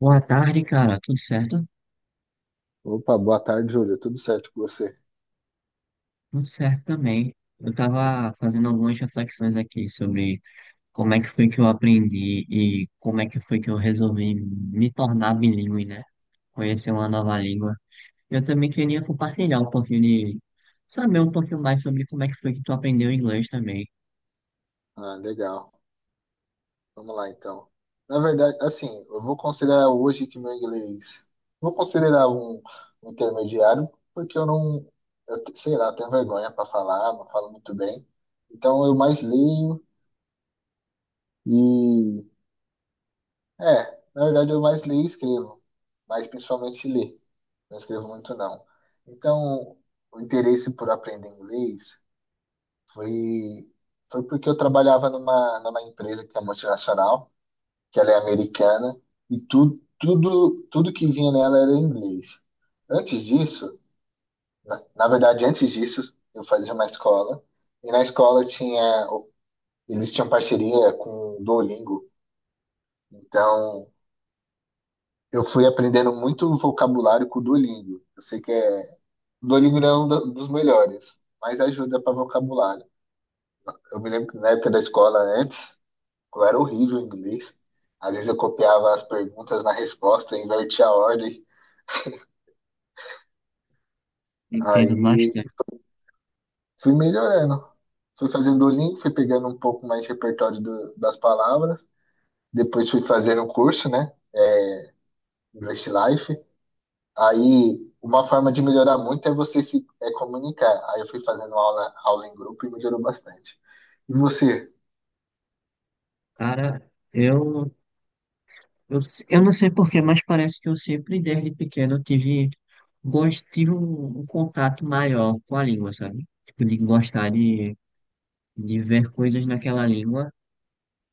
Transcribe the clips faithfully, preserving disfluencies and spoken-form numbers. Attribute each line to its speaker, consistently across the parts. Speaker 1: Boa tarde, cara. Tudo certo?
Speaker 2: Opa, boa tarde, Júlio. Tudo certo com você?
Speaker 1: Tudo certo também. Eu tava fazendo algumas reflexões aqui sobre como é que foi que eu aprendi e como é que foi que eu resolvi me tornar bilíngue, né? Conhecer uma nova língua. Eu também queria compartilhar um pouquinho de... Saber um pouquinho mais sobre como é que foi que tu aprendeu inglês também.
Speaker 2: Ah, legal. Vamos lá, então. Na verdade, assim, eu vou considerar hoje que meu inglês. Vou considerar um, um intermediário, porque eu não. Eu, te- sei lá, tenho vergonha para falar, não falo muito bem. Então, eu mais leio e. É, na verdade, eu mais leio e escrevo, mas principalmente ler. Não escrevo muito, não. Então, o interesse por aprender inglês. Foi, foi porque eu trabalhava numa, numa empresa que é multinacional, que ela é americana, e tu, tudo, tudo que vinha nela era em inglês. Antes disso, na, na verdade, antes disso, eu fazia uma escola, e na escola tinha, eles tinham parceria com o Duolingo, então eu fui aprendendo muito vocabulário com o Duolingo. Eu sei que é, o Duolingo não é um do- dos melhores, mas ajuda para vocabulário. Eu me lembro que na época da escola, antes, eu era horrível em inglês. Às vezes eu copiava as perguntas na resposta, invertia a ordem.
Speaker 1: Entendo
Speaker 2: Aí
Speaker 1: bastante.
Speaker 2: fui melhorando. Fui fazendo o link, fui pegando um pouco mais de repertório do- das palavras. Depois fui fazendo um curso, né? É, English Life. Aí uma forma de melhorar muito é você se é comunicar. Aí eu fui fazendo aula, aula em grupo e melhorou bastante. E você?
Speaker 1: Cara, eu Eu, eu não sei porquê, mas parece que eu sempre, desde pequeno, tive, gost, tive um, um contato maior com a língua, sabe? Tipo, de gostar de, de ver coisas naquela língua.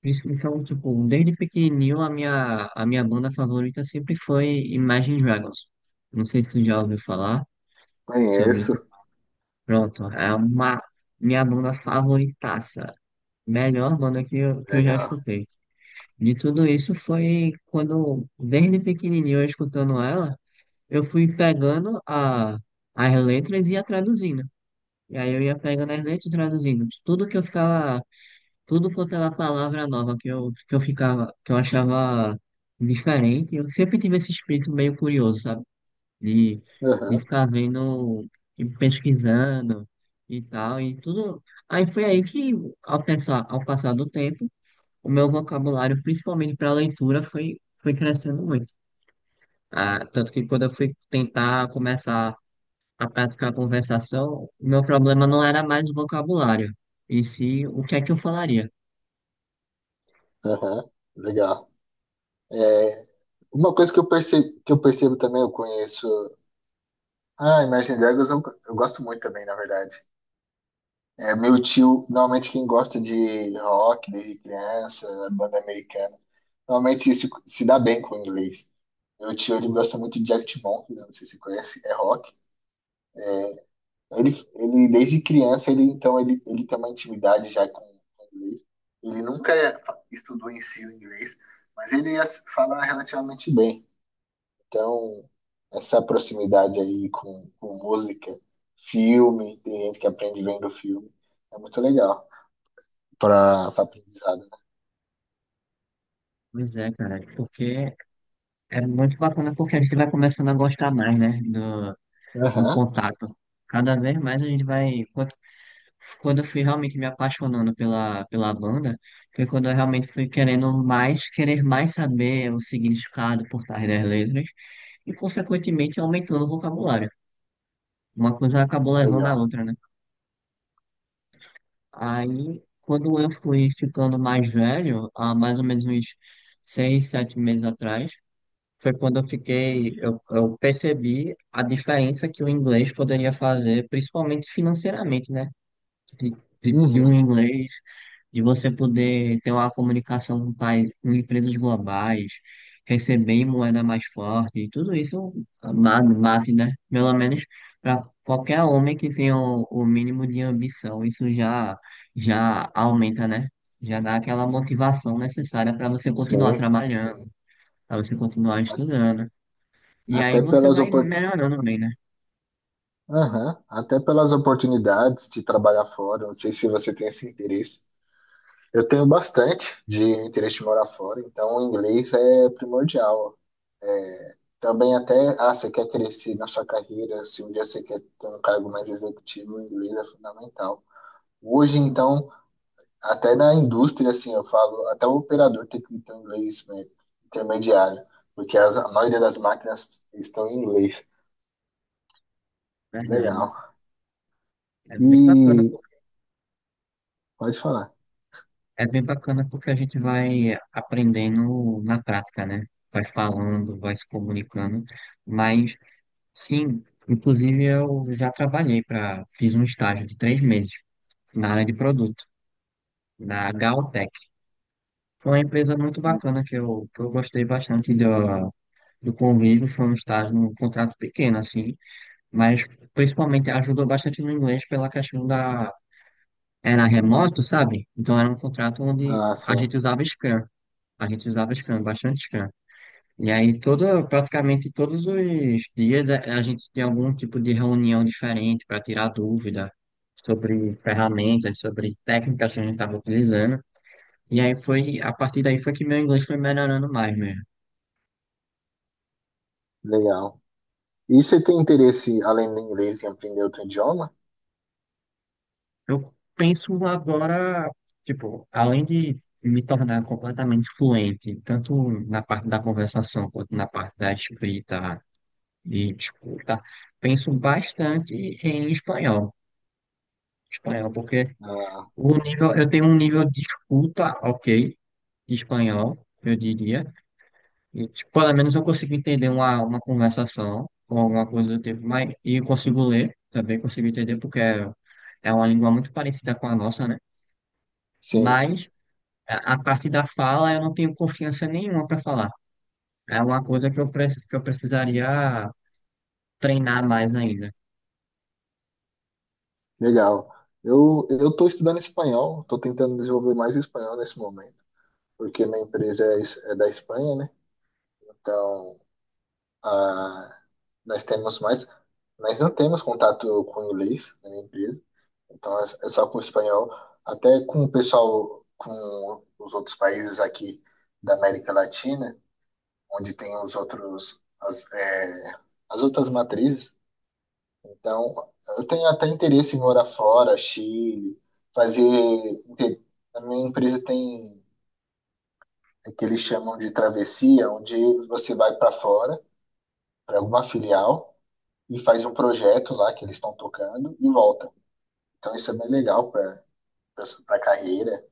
Speaker 1: Por isso que, Então, tipo, desde pequenininho, a minha, a minha banda favorita sempre foi Imagine Dragons. Não sei se você já ouviu falar sobre...
Speaker 2: Conheço.
Speaker 1: Pronto, é uma minha banda favoritaça. Melhor banda que eu, que eu já
Speaker 2: Legal.
Speaker 1: escutei. De tudo isso foi quando, desde pequenininho, eu escutando ela, eu fui pegando a, as letras e ia traduzindo. E aí eu ia pegando as letras e traduzindo. Tudo que eu ficava, tudo quanto era palavra nova que eu, que eu ficava, que eu achava diferente. Eu sempre tive esse espírito meio curioso, sabe? De, de
Speaker 2: Aham,
Speaker 1: ficar vendo e pesquisando e tal, e tudo. Aí foi aí que, ao pensar, Ao passar do tempo, o meu vocabulário, principalmente para leitura, foi, foi crescendo muito. Ah, tanto que quando eu fui tentar começar a prática da conversação, o meu problema não era mais o vocabulário, e sim o que é que eu falaria.
Speaker 2: aham, legal. Uma coisa que eu percebo, que eu percebo também, eu conheço. Ah, Imagine Dragons eu, eu gosto muito também, na verdade. É meu tio, normalmente quem gosta de rock desde criança, banda americana, normalmente se, se dá bem com o inglês. Meu tio, ele gosta muito de Arctic Monkeys, né? Não sei se você conhece, é rock. Ele, ele desde criança, ele então ele, ele tem uma intimidade já com com o inglês. Ele nunca é, estudou em si o inglês, mas ele as- fala relativamente bem. Então, essa proximidade aí com, com música, filme, tem gente que aprende vendo filme, é muito legal para aprendizado.
Speaker 1: Pois é, cara, porque é muito bacana porque a gente vai começando a gostar mais, né, do,
Speaker 2: Né?
Speaker 1: do
Speaker 2: Aham,
Speaker 1: contato. Cada vez mais a gente vai. Quando, quando eu fui realmente me apaixonando pela, pela banda, foi quando eu realmente fui querendo mais, querer mais saber o significado por trás das letras, e consequentemente aumentando o vocabulário. Uma coisa acabou levando a
Speaker 2: legal.
Speaker 1: outra, né? Aí, quando eu fui ficando mais velho, há mais ou menos uns seis, sete meses atrás, foi quando eu fiquei, eu, eu percebi a diferença que o inglês poderia fazer, principalmente financeiramente, né? de, de, de um
Speaker 2: Uhum,
Speaker 1: inglês, de você poder ter uma comunicação com, país, com empresas globais, receber em moeda mais forte, e tudo isso ma- bate, né? Pelo menos para qualquer homem que tenha o, o mínimo de ambição, isso já, já aumenta, né? Já dá aquela motivação necessária para você continuar
Speaker 2: sim.
Speaker 1: trabalhando, para você continuar
Speaker 2: A-
Speaker 1: estudando. E aí
Speaker 2: Até
Speaker 1: você
Speaker 2: pelas
Speaker 1: vai
Speaker 2: opor...
Speaker 1: melhorando bem, né?
Speaker 2: aham, até pelas oportunidades de trabalhar fora, não sei se você tem esse interesse. Eu tenho bastante de interesse de morar fora, então o inglês é primordial. É, também até, ah, você quer crescer na sua carreira, se um dia você quer ter um cargo mais executivo, o inglês é fundamental. Hoje, então, até na indústria, assim, eu falo, até o operador tem que ter um inglês, né, intermediário, porque as- a maioria das máquinas estão em inglês.
Speaker 1: Verdade.
Speaker 2: Legal.
Speaker 1: É bem bacana.
Speaker 2: E pode falar.
Speaker 1: É bem bacana porque a gente vai aprendendo na prática, né? Vai falando, vai se comunicando. Mas, sim, inclusive eu já trabalhei para, fiz um estágio de três meses na área de produto, na Galtech. Foi uma empresa muito bacana que eu, que eu gostei bastante do, do convívio. Foi um estágio, um contrato pequeno, assim, mas principalmente ajudou bastante no inglês pela questão da era remoto, sabe? Então era um contrato onde
Speaker 2: Ah,
Speaker 1: a
Speaker 2: sim,
Speaker 1: gente usava Scrum. A gente usava Scrum, bastante Scrum. E aí toda, praticamente todos os dias a, a gente tinha algum tipo de reunião diferente para tirar dúvida sobre ferramentas, sobre técnicas que a gente estava utilizando. E aí foi, a partir daí foi que meu inglês foi melhorando mais mesmo.
Speaker 2: legal. E você tem interesse, além do inglês, em aprender outro idioma?
Speaker 1: Eu penso agora, tipo, além de me tornar completamente fluente, tanto na parte da conversação quanto na parte da escrita, e escuta, penso bastante em espanhol. Espanhol, porque
Speaker 2: Ah,
Speaker 1: o nível, eu tenho um nível de escuta, ok, de espanhol, eu diria. E, tipo, pelo menos eu consigo entender uma, uma conversação ou alguma coisa do tipo, mas e consigo ler, também consigo entender, porque é, é uma língua muito parecida com a nossa, né?
Speaker 2: sim.
Speaker 1: Mas a, a parte da fala eu não tenho confiança nenhuma para falar. É uma coisa que eu, pre- que eu precisaria treinar mais ainda.
Speaker 2: Legal. Eu eu estou estudando espanhol, estou tentando desenvolver mais o espanhol nesse momento, porque minha empresa é, es- é da Espanha, né? Então, ah, nós temos mais, nós não temos contato com o inglês na minha empresa, então é, é só com o espanhol, até com o pessoal, com os outros países aqui da América Latina, onde tem os outros, as, é, as outras matrizes. Então, eu tenho até interesse em morar fora, Chile, fazer. inte- A minha empresa tem é o que eles chamam de travessia, onde você vai para fora, para alguma filial, e faz um projeto lá que eles estão tocando e volta. Então, isso é bem legal para a carreira.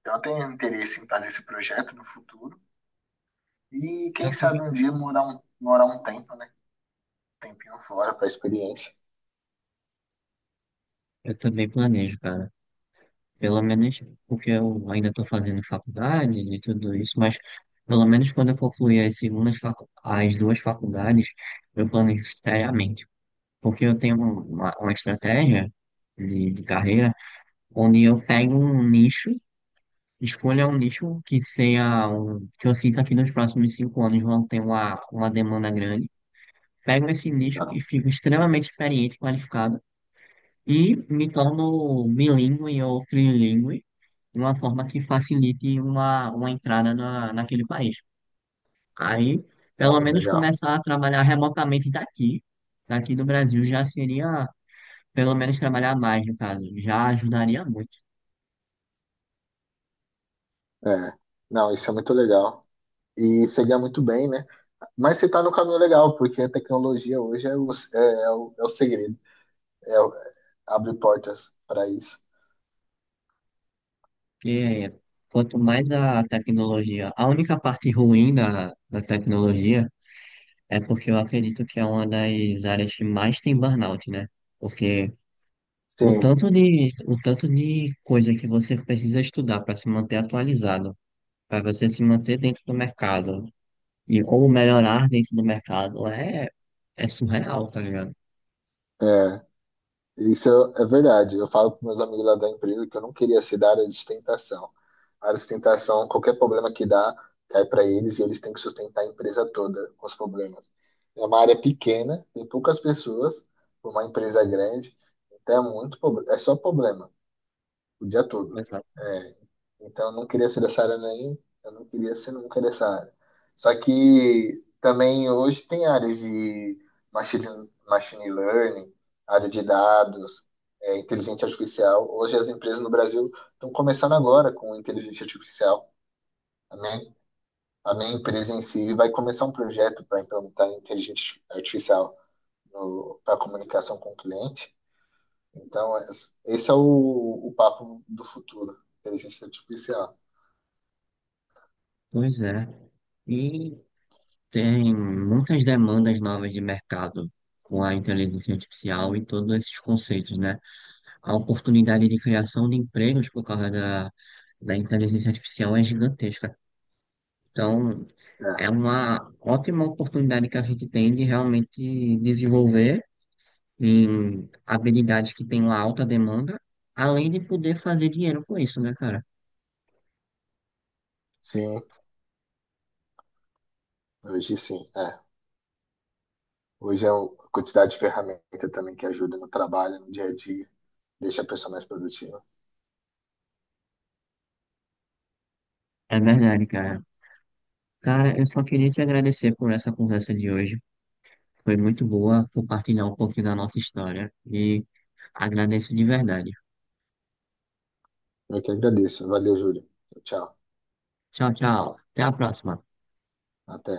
Speaker 2: Então, eu tenho interesse em fazer esse projeto no futuro. E quem
Speaker 1: Eu, tô-
Speaker 2: sabe um dia morar um, morar um tempo, né? Um tempinho fora para experiência.
Speaker 1: eu também planejo, cara. Pelo menos porque eu ainda estou fazendo faculdade e tudo isso, mas pelo menos quando eu concluir as segundas facu as duas faculdades, eu planejo seriamente. Porque eu tenho uma, uma estratégia de, de carreira onde eu pego um nicho, escolho um nicho que seja um, que eu sinta que nos próximos cinco anos vão ter uma, uma demanda grande. Pego esse nicho e
Speaker 2: Legal.
Speaker 1: fico extremamente experiente, e qualificado e me torno bilíngue ou trilingue de uma forma que facilite uma, uma entrada na, naquele país. Aí,
Speaker 2: Ah,
Speaker 1: pelo menos
Speaker 2: legal.
Speaker 1: começar a trabalhar remotamente daqui, daqui do Brasil já seria, pelo menos trabalhar mais, no caso, já ajudaria muito.
Speaker 2: É. Não, isso é muito legal. E você ganha muito bem, né? Mas você está no caminho legal, porque a tecnologia hoje é o, é, é o, é o segredo, é, o- abre portas para isso.
Speaker 1: Porque quanto mais a tecnologia, a única parte ruim da, da tecnologia é porque eu acredito que é uma das áreas que mais tem burnout, né? Porque o
Speaker 2: Sim,
Speaker 1: tanto de, o tanto de coisa que você precisa estudar para se manter atualizado, para você se manter dentro do mercado, e, ou melhorar dentro do mercado, é, é surreal, tá ligado?
Speaker 2: é, isso é é verdade. Eu falo para meus amigos lá da empresa que eu não queria ser da área de sustentação. A área de sustentação, qualquer problema que dá, cai para eles e eles têm que sustentar a empresa toda com os problemas. É uma área pequena, tem poucas pessoas, uma empresa grande, então é muito, proble- é só problema o dia todo.
Speaker 1: Exato.
Speaker 2: É, então, eu não queria ser dessa área nem, eu não queria ser nunca dessa área. Só que também hoje tem áreas de machine, machine learning, área de dados, é, inteligência artificial. Hoje as empresas no Brasil estão começando agora com inteligência artificial. A minha, a minha empresa em si vai começar um projeto para implementar inteligência artificial para comunicação com o cliente. Então, es- esse é o, o papo do futuro, inteligência artificial.
Speaker 1: Pois é. E tem muitas demandas novas de mercado com a inteligência artificial e todos esses conceitos, né? A oportunidade de criação de empregos por causa da, da inteligência artificial é gigantesca. Então,
Speaker 2: É.
Speaker 1: é uma ótima oportunidade que a gente tem de realmente desenvolver em habilidades que têm uma alta demanda, além de poder fazer dinheiro com isso, né, cara?
Speaker 2: Sim, hoje sim, é. Hoje é o- a quantidade de ferramenta também que ajuda no trabalho, no dia a dia, deixa a pessoa mais produtiva.
Speaker 1: É verdade, cara. Cara, eu só queria te agradecer por essa conversa de hoje. Foi muito boa compartilhar um pouquinho da nossa história e agradeço de verdade.
Speaker 2: Eu que agradeço. Valeu, Júlio. Tchau.
Speaker 1: Tchau, tchau. Até a próxima.
Speaker 2: Até.